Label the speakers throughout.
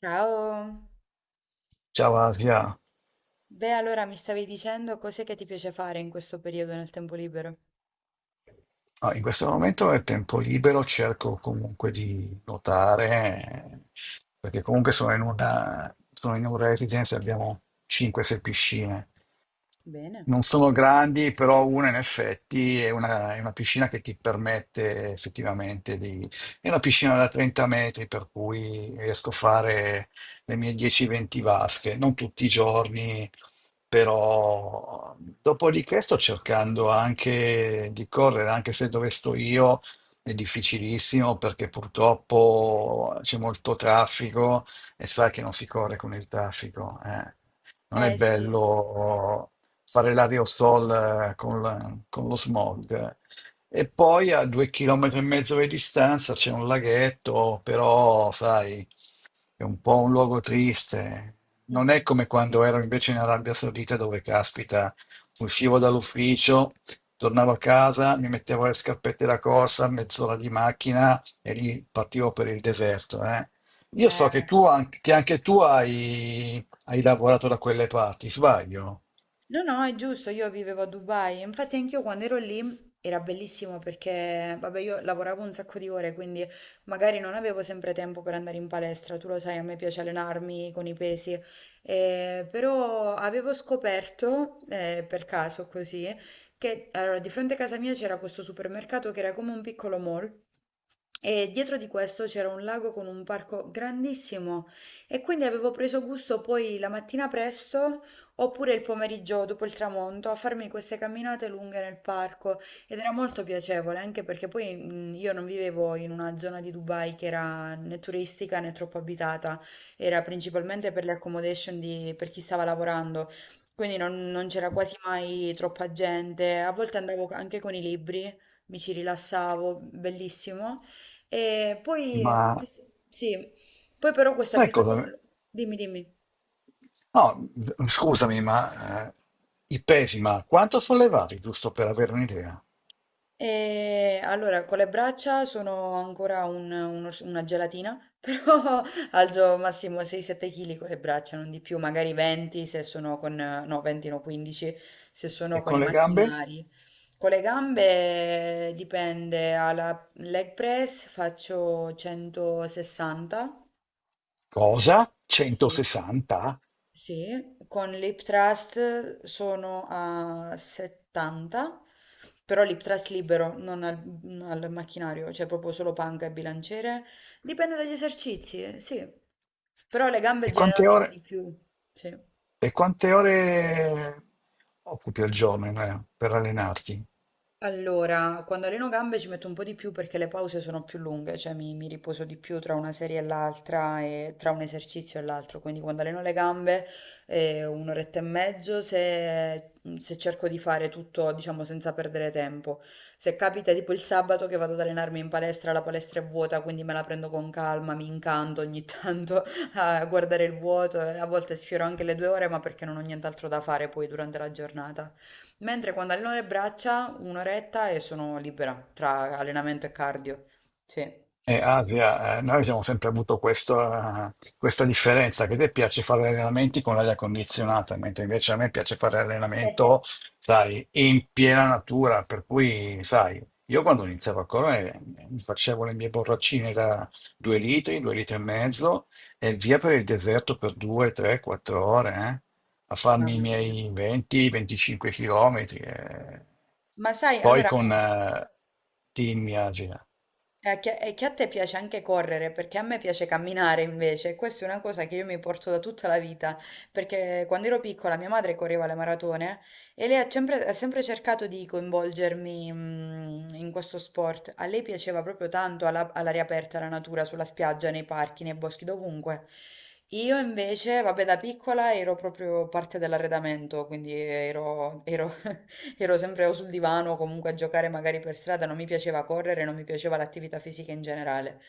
Speaker 1: Ciao.
Speaker 2: Ciao, Asia.
Speaker 1: Beh, allora mi stavi dicendo cos'è che ti piace fare in questo periodo nel tempo libero?
Speaker 2: Ah, in questo momento nel tempo libero cerco comunque di nuotare, perché comunque sono in una residenza, abbiamo 5-6 piscine.
Speaker 1: Bene,
Speaker 2: Non sono
Speaker 1: anche.
Speaker 2: grandi, però una in effetti è una piscina che ti permette effettivamente di. È una piscina da 30 metri, per cui riesco a fare le mie 10-20 vasche, non tutti i giorni, però dopodiché sto cercando anche di correre, anche se dove sto io è difficilissimo perché purtroppo c'è molto traffico e sai che non si corre con il traffico, eh. Non è
Speaker 1: Eh sì.
Speaker 2: bello fare l'aerosol con lo smog, eh. E poi a 2 chilometri e mezzo di distanza c'è un laghetto, però sai, è un po' un luogo triste. Non è come quando ero invece in Arabia Saudita dove, caspita, uscivo dall'ufficio, tornavo a casa, mi mettevo le scarpette da corsa, mezz'ora di macchina e lì partivo per il deserto, eh. Io so che
Speaker 1: Eh,
Speaker 2: tu, an- che anche tu hai lavorato da quelle parti, sbaglio?
Speaker 1: no, no, è giusto, io vivevo a Dubai. Infatti anch'io quando ero lì era bellissimo perché, vabbè, io lavoravo un sacco di ore, quindi magari non avevo sempre tempo per andare in palestra. Tu lo sai, a me piace allenarmi con i pesi, però avevo scoperto, per caso così, che allora, di fronte a casa mia c'era questo supermercato che era come un piccolo mall. E dietro di questo c'era un lago con un parco grandissimo, e quindi avevo preso gusto poi la mattina presto oppure il pomeriggio dopo il tramonto a farmi queste camminate lunghe nel parco, ed era molto piacevole, anche perché poi io non vivevo in una zona di Dubai che era né turistica né troppo abitata, era principalmente per le accommodation di- per chi stava lavorando, quindi non c'era quasi mai troppa gente, a volte andavo anche con i libri, mi ci rilassavo, bellissimo. E poi,
Speaker 2: Ma
Speaker 1: sì, poi però questa
Speaker 2: sai cosa?
Speaker 1: abitudine, dimmi, dimmi.
Speaker 2: No, scusami, ma i pesi, ma quanto sollevavi, giusto per avere un'idea?
Speaker 1: E allora, con le braccia sono ancora un- uno sci- una gelatina, però alzo massimo 6-7 kg con le braccia, non di più, magari 20 se sono con, no, 20 no, 15 se sono
Speaker 2: E
Speaker 1: con
Speaker 2: con
Speaker 1: i
Speaker 2: le gambe?
Speaker 1: macchinari. Con le gambe dipende, alla leg press faccio 160,
Speaker 2: Cosa?
Speaker 1: sì.
Speaker 2: 160?
Speaker 1: Sì, con l'Iptrust sono a 70, però l'Iptrust libero, non al, al macchinario, cioè proprio solo panca e bilanciere. Dipende dagli esercizi, sì. Però le gambe
Speaker 2: E quante
Speaker 1: generalmente
Speaker 2: ore,
Speaker 1: di più, sì.
Speaker 2: e quante ore occupi al giorno, per allenarti?
Speaker 1: Allora, quando alleno gambe ci metto un po' di più perché le pause sono più lunghe, cioè mi riposo di più tra una serie e l'altra e tra un esercizio e l'altro, quindi quando alleno le gambe un'oretta e mezzo se, se cerco di fare tutto, diciamo, senza perdere tempo. Se capita tipo il sabato che vado ad allenarmi in palestra, la palestra è vuota, quindi me la prendo con calma, mi incanto ogni tanto a guardare il vuoto, e a volte sfioro anche le 2 ore, ma perché non ho nient'altro da fare poi durante la giornata. Mentre quando alleno le braccia, un'oretta e sono libera tra allenamento e cardio. Sì.
Speaker 2: Asia, noi abbiamo sempre avuto questa differenza che a te piace fare allenamenti con l'aria condizionata, mentre invece a me piace fare allenamento, sai, in piena natura, per cui, sai, io quando iniziavo a correre, mi facevo le mie borraccine da 2 litri, 2 litri e mezzo e via
Speaker 1: Secondo
Speaker 2: per
Speaker 1: me.
Speaker 2: il deserto per 2, 3, 4 ore, a farmi i
Speaker 1: Mamma mia.
Speaker 2: miei 20-25 chilometri, eh.
Speaker 1: Ma sai,
Speaker 2: poi
Speaker 1: allora a me.
Speaker 2: con Team Asia.
Speaker 1: E che a te piace anche correre, perché a me piace camminare invece. Questa è una cosa che io mi porto da tutta la vita, perché quando ero piccola mia madre correva le maratone e lei ha sempre cercato di coinvolgermi, in questo sport. A lei piaceva proprio tanto alla- all'aria aperta, la natura, sulla spiaggia, nei parchi, nei boschi, dovunque. Io invece, vabbè, da piccola ero proprio parte dell'arredamento, quindi ero sempre o sul divano o comunque a giocare magari per strada, non mi piaceva correre, non mi piaceva l'attività fisica in generale.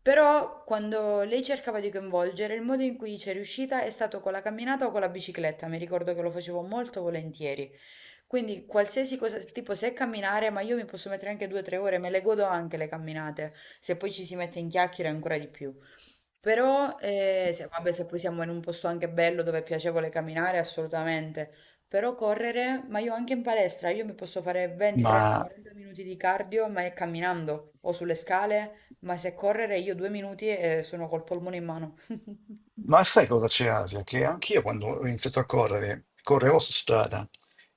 Speaker 1: Però quando lei cercava di coinvolgere, il modo in cui ci è riuscita è stato con la camminata o con la bicicletta, mi ricordo che lo facevo molto volentieri. Quindi qualsiasi cosa, tipo se è camminare, ma io mi posso mettere anche 2 o 3 ore, me le godo anche le camminate, se poi ci si mette in chiacchiere ancora di più. Però, se, vabbè, se poi siamo in un posto anche bello dove è piacevole camminare, assolutamente. Però correre, ma io anche in palestra, io mi posso fare 20, 30,
Speaker 2: Ma
Speaker 1: 40 minuti di cardio, ma è camminando o sulle scale, ma se correre io 2 minuti e sono col polmone in mano.
Speaker 2: Ma sai cosa c'è, Asia? Che anch'io quando ho iniziato a correre, correvo su strada.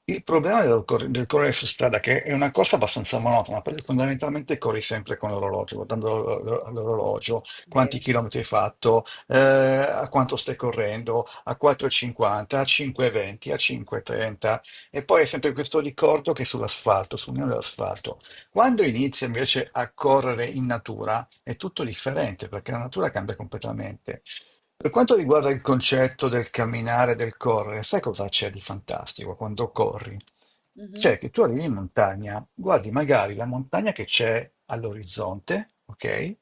Speaker 2: Il problema del correre su strada, che è una corsa abbastanza monotona, perché fondamentalmente corri sempre con l'orologio, guardando l'orologio, quanti
Speaker 1: Vero.
Speaker 2: chilometri hai fatto, a quanto stai correndo, a 4,50, a 5,20, a 5,30, e trenta, e poi è sempre questo ricordo che è sull'asfalto, sul mio dell'asfalto. Quando inizi invece a correre in natura è tutto differente perché la natura cambia completamente. Per quanto riguarda il concetto del camminare, del correre, sai cosa c'è di fantastico quando corri?
Speaker 1: Mhm.
Speaker 2: C'è che tu arrivi in montagna, guardi magari la montagna che c'è all'orizzonte, ok?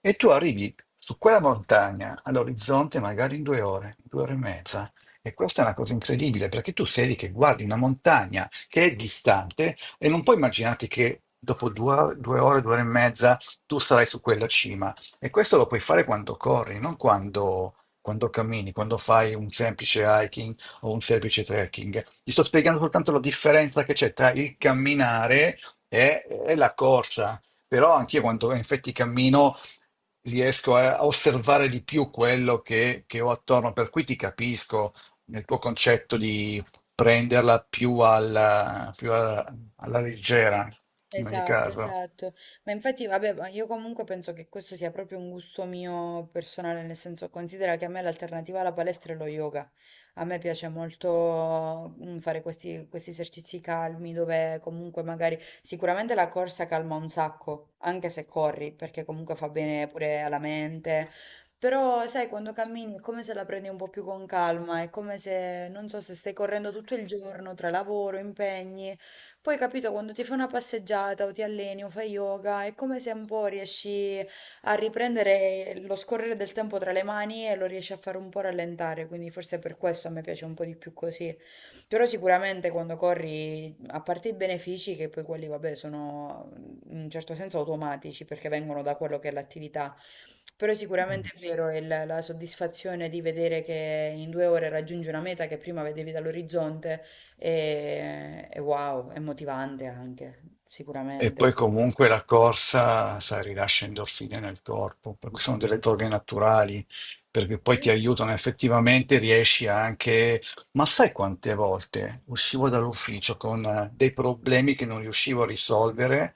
Speaker 2: E tu arrivi su quella montagna all'orizzonte magari in 2 ore, 2 ore e mezza. E questa è una cosa incredibile perché tu sei lì che guardi una montagna che è distante e non puoi immaginarti che dopo due ore, 2 ore e mezza tu sarai su quella cima. E questo lo puoi fare quando corri, non quando cammini, quando fai un semplice hiking o un semplice trekking. Ti sto spiegando soltanto la differenza che c'è tra il
Speaker 1: Sì.
Speaker 2: camminare e la corsa. Però anche io quando in effetti cammino riesco a osservare di più quello che ho attorno, per cui ti capisco nel tuo concetto di prenderla più alla leggera, in ogni
Speaker 1: Esatto,
Speaker 2: caso.
Speaker 1: esatto. Ma infatti, vabbè, ma io comunque penso che questo sia proprio un gusto mio personale, nel senso considera che a me l'alternativa alla palestra è lo yoga. A me piace molto, fare questi esercizi calmi dove comunque magari sicuramente la corsa calma un sacco, anche se corri, perché comunque fa bene pure alla mente. Però, sai, quando cammini è come se la prendi un po' più con calma, è come se, non so, se stai correndo tutto il giorno tra lavoro, impegni. Poi capito, quando ti fai una passeggiata o ti alleni o fai yoga, è come se un po' riesci a riprendere lo scorrere del tempo tra le mani e lo riesci a fare un po' rallentare, quindi forse per questo a me piace un po' di più così. Però sicuramente quando corri, a parte i benefici, che poi quelli, vabbè, sono in un certo senso automatici perché vengono da quello che è l'attività, però sicuramente è vero la soddisfazione di vedere che in 2 ore raggiungi una meta che prima vedevi dall'orizzonte è wow, è motivante anche,
Speaker 2: E
Speaker 1: sicuramente.
Speaker 2: poi comunque la corsa, sai, rilascia endorfine nel corpo, perché sono delle droghe naturali, perché poi
Speaker 1: Sì,
Speaker 2: ti aiutano effettivamente, riesci anche. Ma sai quante volte uscivo dall'ufficio con dei problemi che non riuscivo a risolvere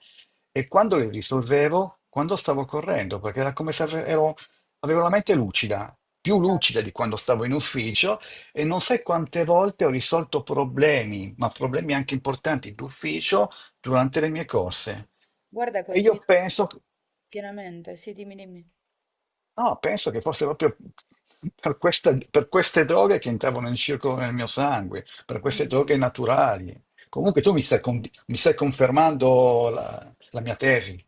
Speaker 2: e quando li risolvevo, quando stavo correndo, perché era come se avevo la mente lucida, più lucida di
Speaker 1: esatto.
Speaker 2: quando stavo in ufficio e non sai quante volte ho risolto problemi, ma problemi anche importanti d'ufficio durante le mie corse.
Speaker 1: Guarda,
Speaker 2: E io
Speaker 1: condivido
Speaker 2: penso,
Speaker 1: pienamente. Sì, dimmi, dimmi.
Speaker 2: no, penso che fosse proprio per queste droghe che entravano in circolo nel mio sangue, per queste
Speaker 1: Mhm.
Speaker 2: droghe naturali. Comunque tu
Speaker 1: Sì.
Speaker 2: mi stai confermando la mia tesi.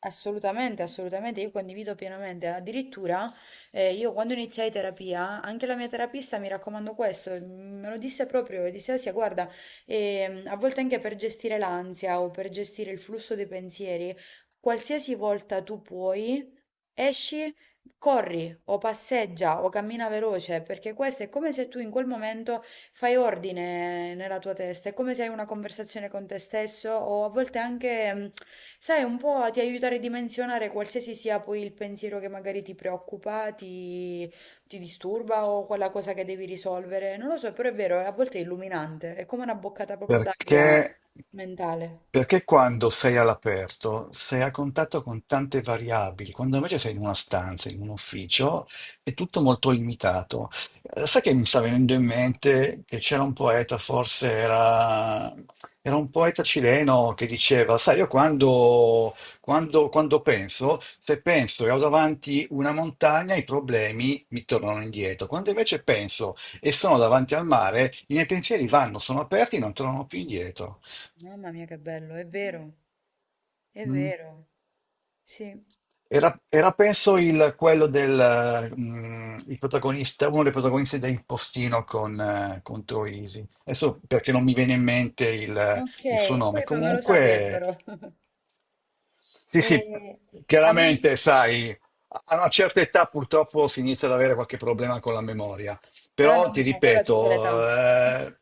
Speaker 1: Assolutamente, assolutamente, io condivido pienamente. Addirittura, io quando iniziai terapia, anche la mia terapista mi raccomandò questo, me lo disse proprio, disse Asia, guarda, a volte anche per gestire l'ansia o per gestire il flusso dei pensieri, qualsiasi volta tu puoi, esci, corri o passeggia o cammina veloce, perché questo è come se tu in quel momento fai ordine nella tua testa, è come se hai una conversazione con te stesso o a volte anche, sai, un po' ti aiuta a ridimensionare qualsiasi sia poi il pensiero che magari ti preoccupa, ti disturba o quella cosa che devi risolvere. Non lo so, però è vero, a volte è illuminante, è come una boccata proprio
Speaker 2: Perché,
Speaker 1: d'aria mentale.
Speaker 2: perché quando sei all'aperto sei a contatto con tante variabili, quando invece sei in una stanza, in un ufficio, è tutto molto limitato. Sai che mi sta venendo in mente che c'era un poeta, era un poeta cileno che diceva, sai, io quando penso, se penso e ho davanti una montagna, i problemi mi tornano indietro. Quando invece penso e sono davanti al mare, i miei pensieri vanno, sono aperti, non tornano più indietro.
Speaker 1: Mamma mia, che bello, è
Speaker 2: Mm.
Speaker 1: vero, sì.
Speaker 2: Penso quello del il protagonista, uno dei protagonisti del postino con Troisi. Adesso perché non mi viene in mente il,
Speaker 1: Ok,
Speaker 2: il suo nome.
Speaker 1: poi fammelo sapere
Speaker 2: Comunque
Speaker 1: però.
Speaker 2: sì, sì,
Speaker 1: E a me...
Speaker 2: chiaramente, sai, a una certa età purtroppo si inizia ad avere qualche problema con la memoria,
Speaker 1: Ah no,
Speaker 2: però ti
Speaker 1: no, ma quella a tutte le età.
Speaker 2: ripeto,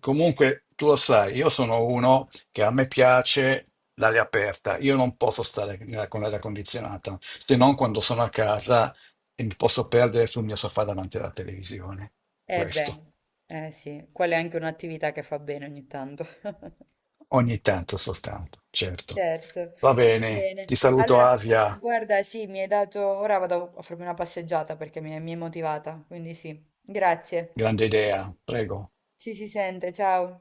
Speaker 2: comunque tu lo sai, io sono uno che a me piace l'aria aperta, io non posso stare con l'aria condizionata, se non quando sono a casa e mi posso perdere sul mio sofà davanti alla televisione.
Speaker 1: Eh
Speaker 2: Questo,
Speaker 1: beh, eh sì, quella è anche un'attività che fa bene ogni tanto.
Speaker 2: ogni tanto soltanto, certo.
Speaker 1: Certo,
Speaker 2: Va
Speaker 1: va
Speaker 2: bene,
Speaker 1: bene.
Speaker 2: ti saluto,
Speaker 1: Allora,
Speaker 2: Asia,
Speaker 1: guarda, sì, mi hai dato... Ora vado a farmi una passeggiata perché mi hai motivata, quindi sì. Grazie.
Speaker 2: grande idea, prego.
Speaker 1: Ci si sente, ciao.